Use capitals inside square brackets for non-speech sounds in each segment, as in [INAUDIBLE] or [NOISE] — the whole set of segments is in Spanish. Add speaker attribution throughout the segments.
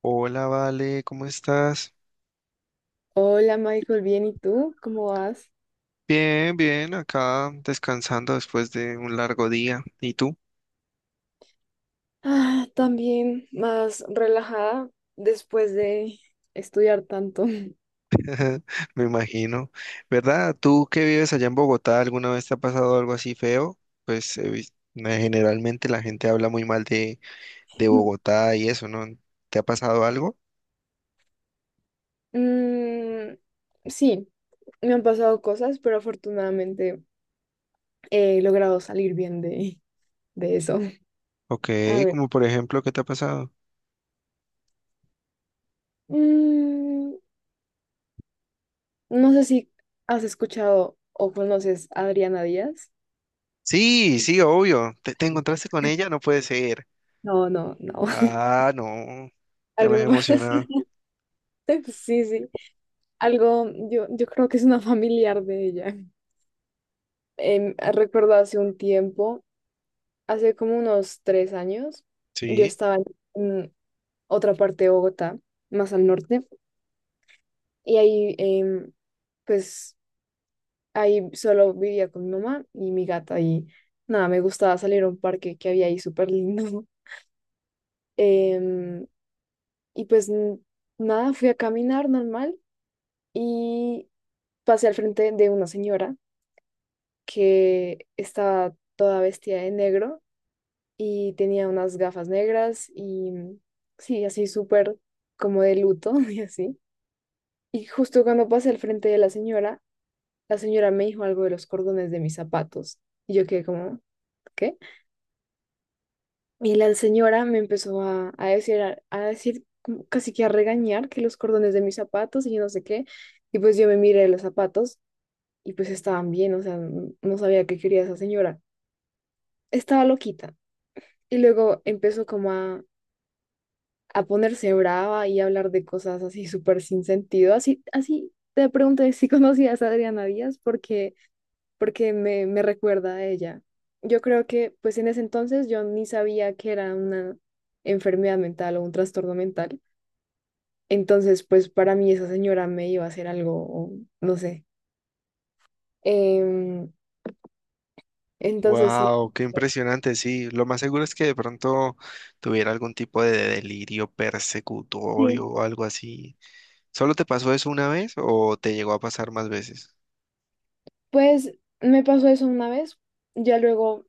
Speaker 1: Hola, Vale, ¿cómo estás?
Speaker 2: Hola Michael, bien, ¿y tú? ¿Cómo vas?
Speaker 1: Bien, bien, acá descansando después de un largo día. ¿Y tú?
Speaker 2: Ah, también más relajada después de estudiar tanto.
Speaker 1: [LAUGHS] Me imagino. ¿Verdad? ¿Tú que vives allá en Bogotá, alguna vez te ha pasado algo así feo? Pues generalmente la gente habla muy mal de
Speaker 2: [LAUGHS]
Speaker 1: Bogotá y eso, ¿no? ¿Te ha pasado algo?
Speaker 2: Mm, sí, me han pasado cosas, pero afortunadamente he logrado salir bien de eso.
Speaker 1: Ok,
Speaker 2: A ver,
Speaker 1: como por ejemplo, ¿qué te ha pasado?
Speaker 2: mm, no sé si has escuchado o conoces a Adriana Díaz.
Speaker 1: Sí, sí, obvio. ¿Te encontraste con ella? No puede ser.
Speaker 2: No, no, no. [LAUGHS]
Speaker 1: Ah, no. Ya me he
Speaker 2: Algo,
Speaker 1: emocionado.
Speaker 2: [LAUGHS] sí, sí. Algo, yo creo que es una familiar de ella. Recuerdo hace un tiempo, hace como unos 3 años, yo
Speaker 1: Sí.
Speaker 2: estaba en otra parte de Bogotá, más al norte, y ahí, pues, ahí solo vivía con mi mamá y mi gata, y nada, me gustaba salir a un parque que había ahí súper lindo. [LAUGHS] Em, y pues, nada, fui a caminar normal y pasé al frente de una señora que estaba toda vestida de negro y tenía unas gafas negras y sí, así súper como de luto [LAUGHS] y así. Y justo cuando pasé al frente de la señora me dijo algo de los cordones de mis zapatos y yo quedé como, ¿qué? Y la señora me empezó a decir, a decir como casi que a regañar que los cordones de mis zapatos y yo no sé qué. Y pues yo me miré los zapatos y pues estaban bien, o sea, no sabía qué quería esa señora. Estaba loquita. Y luego empezó como a ponerse brava y hablar de cosas así súper sin sentido. Así, así te pregunté si [LAUGHS] conocías a Adriana Díaz porque me recuerda a ella. Yo creo que pues en ese entonces yo ni sabía que era una enfermedad mental o un trastorno mental. Entonces pues para mí esa señora me iba a hacer algo, o no sé. Em, entonces sí.
Speaker 1: Wow, qué
Speaker 2: Pues,
Speaker 1: impresionante, sí. Lo más seguro es que de pronto tuviera algún tipo de delirio persecutorio
Speaker 2: sí.
Speaker 1: o algo así. ¿Solo te pasó eso una vez o te llegó a pasar más veces?
Speaker 2: Pues me pasó eso una vez. Ya luego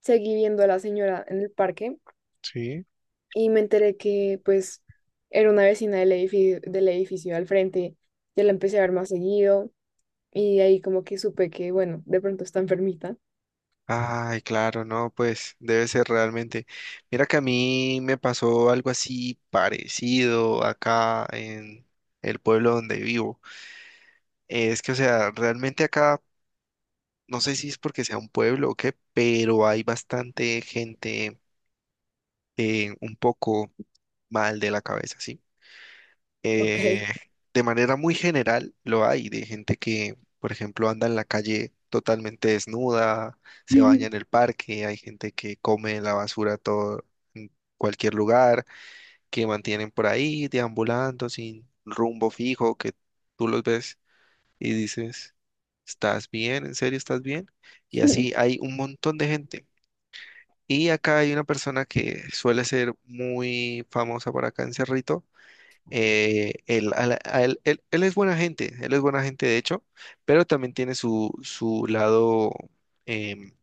Speaker 2: seguí viendo a la señora en el parque
Speaker 1: Sí.
Speaker 2: y me enteré que pues era una vecina del edificio al frente, ya la empecé a ver más seguido y ahí como que supe que, bueno, de pronto está enfermita.
Speaker 1: Ay, claro, no, pues debe ser realmente. Mira que a mí me pasó algo así parecido acá en el pueblo donde vivo. Es que, o sea, realmente acá, no sé si es porque sea un pueblo o qué, pero hay bastante gente un poco mal de la cabeza, ¿sí?
Speaker 2: Ok.
Speaker 1: Eh, de manera muy general lo hay, de gente que, por ejemplo, anda en la calle totalmente desnuda, se baña en el
Speaker 2: [LAUGHS]
Speaker 1: parque, hay gente que come la basura todo en cualquier lugar, que mantienen por ahí deambulando sin rumbo fijo, que tú los ves y dices, ¿estás bien? ¿En serio estás bien? Y así hay un montón de gente. Y acá hay una persona que suele ser muy famosa por acá en Cerrito. Él, a la- a él- él- él es buena gente, él es buena gente de hecho, pero también tiene su, su lado em,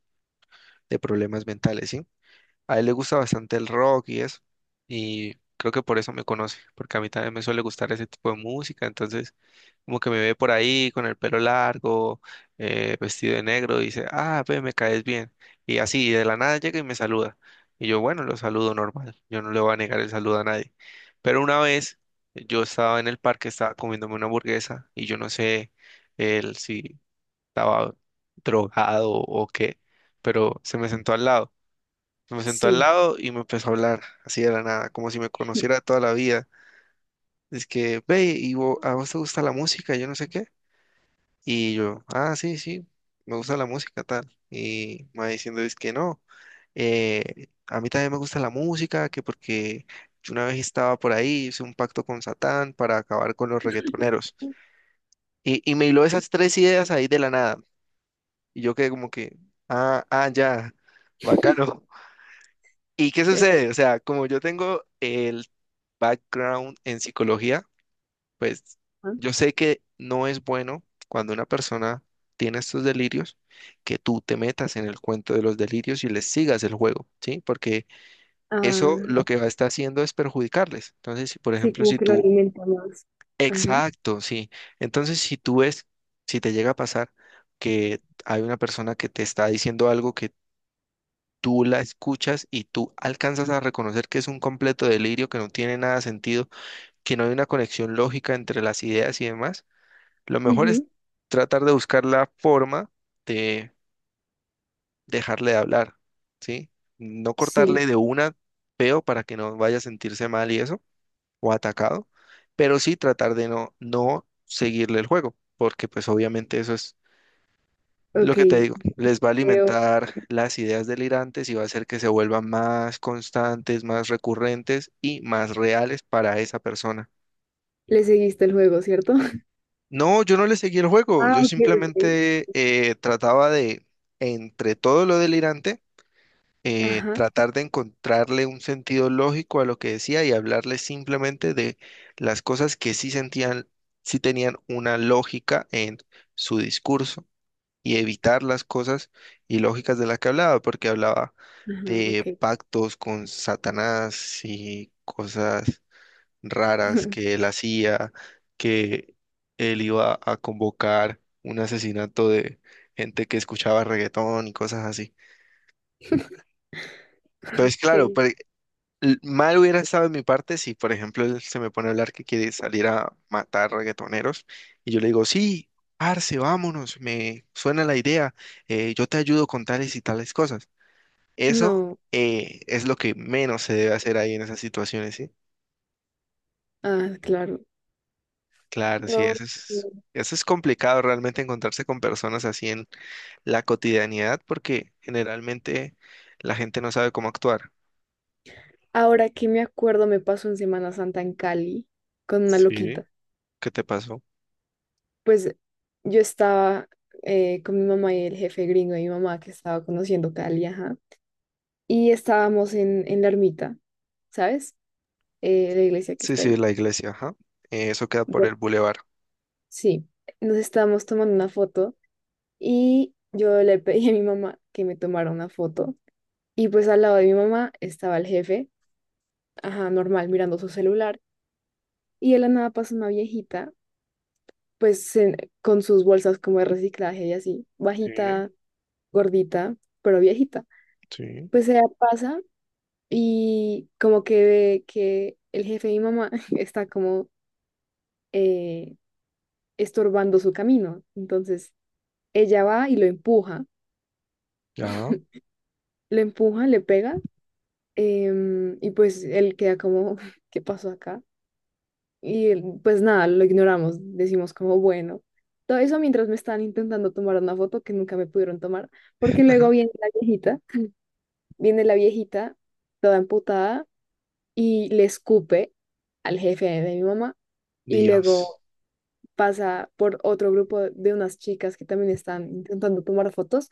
Speaker 1: de problemas mentales, ¿sí? A él le gusta bastante el rock y eso, y creo que por eso me conoce, porque a mí también me suele gustar ese tipo de música, entonces como que me ve por ahí con el pelo largo, vestido de negro, y dice, ah, ve, me caes bien. Y así, de la nada llega y me saluda. Y yo, bueno, lo saludo normal. Yo no le voy a negar el saludo a nadie. Pero una vez yo estaba en el parque, estaba comiéndome una hamburguesa y yo no sé él si estaba drogado o qué, pero se me sentó al lado. Se me sentó al
Speaker 2: Sí.
Speaker 1: lado y me empezó a hablar así de la nada, como si me conociera de toda la vida. Es que, ve, y a vos te gusta la música, yo no sé qué. Y yo, ah, sí, sí, me gusta la música, tal. Y me va diciendo, es que no, a mí también me gusta la música, que porque yo una vez estaba por ahí, hice un pacto con Satán para acabar con los reggaetoneros. Y me hiló esas tres ideas ahí de la nada. Y yo quedé como que, ah, ah, ya, bacano. ¿Y qué
Speaker 2: Che-
Speaker 1: sucede? O sea, como yo tengo el background en psicología, pues
Speaker 2: ajá.
Speaker 1: yo sé que no es bueno cuando una persona tiene estos delirios que tú te metas en el cuento de los delirios y les sigas el juego, ¿sí? Porque eso
Speaker 2: Ah,
Speaker 1: lo
Speaker 2: ok.
Speaker 1: que va a estar haciendo es perjudicarles. Entonces, si, por
Speaker 2: Sí,
Speaker 1: ejemplo,
Speaker 2: como
Speaker 1: si
Speaker 2: que lo
Speaker 1: tú...
Speaker 2: alimenta más. Ajá.
Speaker 1: Exacto, sí. Entonces, si tú ves, si te llega a pasar que hay una persona que te está diciendo algo que tú la escuchas y tú alcanzas a reconocer que es un completo delirio, que no tiene nada de sentido, que no hay una conexión lógica entre las ideas y demás, lo mejor es
Speaker 2: Ujú,
Speaker 1: tratar de buscar la forma de dejarle de hablar, ¿sí? No cortarle
Speaker 2: sí.
Speaker 1: de una peo para que no vaya a sentirse mal y eso, o atacado, pero sí tratar de no seguirle el juego, porque pues obviamente eso es lo
Speaker 2: Ok.
Speaker 1: que te digo, les va a
Speaker 2: Veo.
Speaker 1: alimentar las ideas delirantes y va a hacer que se vuelvan más constantes, más recurrentes y más reales para esa persona.
Speaker 2: Le seguiste el juego, ¿cierto? [LAUGHS]
Speaker 1: No, yo no le seguí el juego,
Speaker 2: Ah,
Speaker 1: yo
Speaker 2: ok, ok.
Speaker 1: simplemente trataba de, entre todo lo delirante,
Speaker 2: Ajá.
Speaker 1: tratar de encontrarle un sentido lógico a lo que decía y hablarle simplemente de las cosas que sí sentían, sí tenían una lógica en su discurso y evitar las cosas ilógicas de las que hablaba, porque hablaba
Speaker 2: Ajá, ok.
Speaker 1: de pactos con Satanás y cosas raras que él
Speaker 2: [LAUGHS]
Speaker 1: hacía, que él iba a convocar un asesinato de gente que escuchaba reggaetón y cosas así. Pues
Speaker 2: Ok.
Speaker 1: claro, pero mal hubiera estado en mi parte si, por ejemplo, él se me pone a hablar que quiere salir a matar reggaetoneros y yo le digo, sí, parce, vámonos, me suena la idea, yo te ayudo con tales y tales cosas. Eso
Speaker 2: No.
Speaker 1: es lo que menos se debe hacer ahí en esas situaciones, ¿sí?
Speaker 2: Ah, claro.
Speaker 1: Claro, sí,
Speaker 2: No. Sí.
Speaker 1: eso es complicado realmente encontrarse con personas así en la cotidianidad porque generalmente la gente no sabe cómo actuar.
Speaker 2: Ahora que me acuerdo, me pasó en Semana Santa en Cali con una
Speaker 1: Sí,
Speaker 2: loquita.
Speaker 1: ¿qué te pasó?
Speaker 2: Pues yo estaba con mi mamá y el jefe gringo de mi mamá que estaba conociendo Cali, ajá. Y estábamos en la ermita, ¿sabes? La iglesia que
Speaker 1: Sí,
Speaker 2: está
Speaker 1: sí,
Speaker 2: ahí.
Speaker 1: la iglesia, ajá. Eso queda por
Speaker 2: Bueno,
Speaker 1: el bulevar.
Speaker 2: sí, nos estábamos tomando una foto y yo le pedí a mi mamá que me tomara una foto. Y pues al lado de mi mamá estaba el jefe, ajá, normal, mirando su celular. Y de la nada pasó una viejita pues en- con sus bolsas como de reciclaje y así,
Speaker 1: Sí,
Speaker 2: bajita, gordita, pero viejita.
Speaker 1: sí,
Speaker 2: Pues ella pasa y como que ve que el jefe de mi mamá [LAUGHS] está como eh, estorbando su camino. Entonces ella va y
Speaker 1: ya.
Speaker 2: lo empuja, le pega y pues él queda como, [LAUGHS] ¿qué pasó acá? Y él, pues nada, lo ignoramos, decimos como bueno. Todo eso mientras me estaban intentando tomar una foto que nunca me pudieron tomar, porque
Speaker 1: Ajá.
Speaker 2: luego viene la viejita, toda amputada, y le escupe al jefe de mi mamá. Y
Speaker 1: Dios.
Speaker 2: luego pasa por otro grupo de unas chicas que también están intentando tomar fotos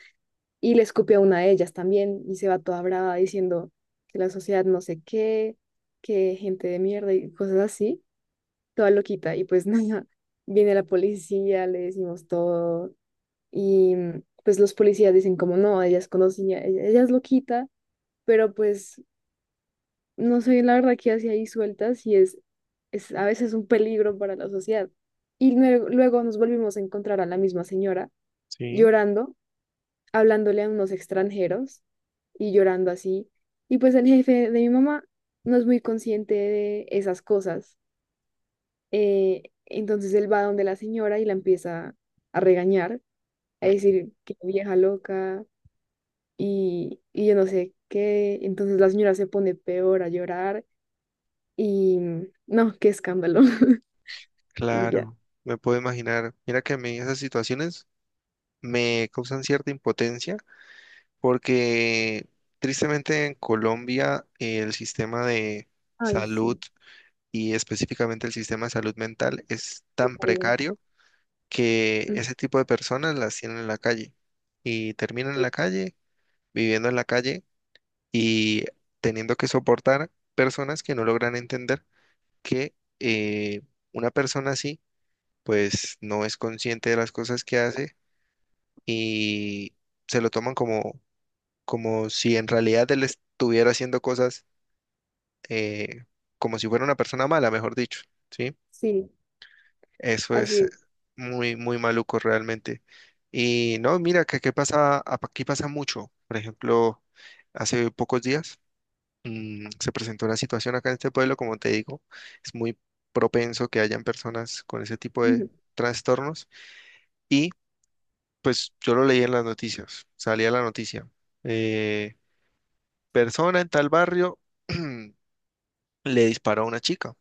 Speaker 2: y le escupe a una de ellas también y se va toda brava diciendo que la sociedad no sé qué, que gente de mierda y cosas así, toda loquita. Y pues [LAUGHS] nada, viene la policía, le decimos todo y pues los policías dicen como no, ella es conocida, ella es loquita, pero pues no sé la verdad qué hace ahí sueltas y es a veces un peligro para la sociedad. Y luego nos volvimos a encontrar a la misma señora
Speaker 1: Sí,
Speaker 2: llorando, hablándole a unos extranjeros y llorando así. Y pues el jefe de mi mamá no es muy consciente de esas cosas. Entonces él va donde la señora y la empieza a regañar, a
Speaker 1: mm,
Speaker 2: decir que vieja loca y yo no sé qué. Entonces la señora se pone peor a llorar. Y no, qué escándalo. [LAUGHS] Y ya.
Speaker 1: claro, me puedo imaginar. Mira que a mí esas situaciones me causan cierta impotencia porque tristemente en Colombia el sistema de
Speaker 2: Ay,
Speaker 1: salud
Speaker 2: sí,
Speaker 1: y específicamente el sistema de salud mental es tan
Speaker 2: totalmente.
Speaker 1: precario que
Speaker 2: Mm.
Speaker 1: ese tipo de personas las tienen en la calle y terminan en
Speaker 2: Mm,
Speaker 1: la calle, viviendo en la calle y teniendo que soportar personas que no logran entender que eh, una persona así pues no es consciente de las cosas que hace y se lo toman como, como si en realidad él estuviera haciendo cosas eh, como si fuera una persona mala, mejor dicho, ¿sí?
Speaker 2: sí,
Speaker 1: Eso es
Speaker 2: así es.
Speaker 1: muy, muy maluco realmente. Y no, mira, que aquí pasa mucho. Por ejemplo, hace pocos días mm, se presentó una situación acá en este pueblo, como te digo, es muy propenso que hayan personas con ese tipo de
Speaker 2: [LAUGHS]
Speaker 1: trastornos. Y pues yo lo leí en las noticias, salía la noticia. eh, Persona en tal barrio [CLEARS THROAT] le disparó a una chica.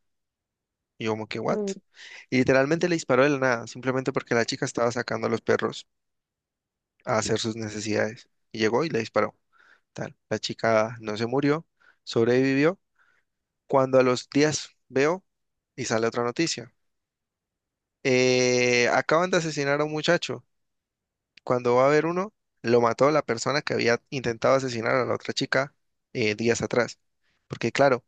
Speaker 1: Y yo como que, ¿what?
Speaker 2: Mm.
Speaker 1: Y literalmente le disparó de la nada, simplemente porque la chica estaba sacando a los perros a hacer sus necesidades. Y llegó y le disparó. Tal. La chica no se murió, sobrevivió. Cuando a los días veo y sale otra noticia. Acaban de asesinar a un muchacho. Cuando va a ver uno, lo mató la persona que había intentado asesinar a la otra chica días atrás. Porque claro,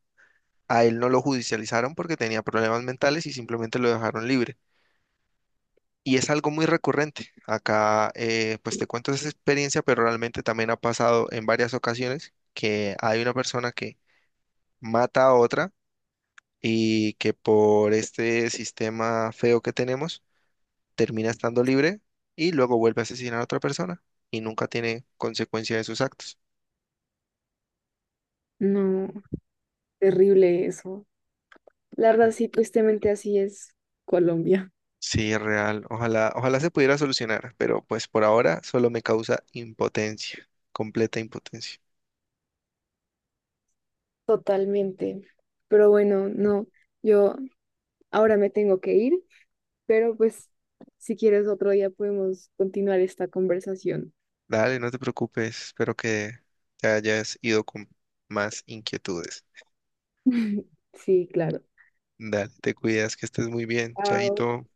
Speaker 1: a él no lo judicializaron porque tenía problemas mentales y simplemente lo dejaron libre. Y es algo muy recurrente. Acá, pues te cuento esa experiencia, pero realmente también ha pasado en varias ocasiones que hay una persona que mata a otra y que por este sistema feo que tenemos termina estando libre y luego vuelve a asesinar a otra persona y nunca tiene consecuencia de sus actos.
Speaker 2: No, terrible eso. La verdad, sí, tristemente así es Colombia.
Speaker 1: Sí, es real. Ojalá, ojalá se pudiera solucionar, pero pues por ahora solo me causa impotencia, completa impotencia.
Speaker 2: Totalmente. Pero bueno, no, yo ahora me tengo que ir, pero pues si quieres otro día podemos continuar esta conversación.
Speaker 1: Dale, no te preocupes. Espero que te hayas ido con más inquietudes.
Speaker 2: [LAUGHS] Sí, claro.
Speaker 1: Dale, te cuidas, que estés muy bien.
Speaker 2: Chao.
Speaker 1: Chaito.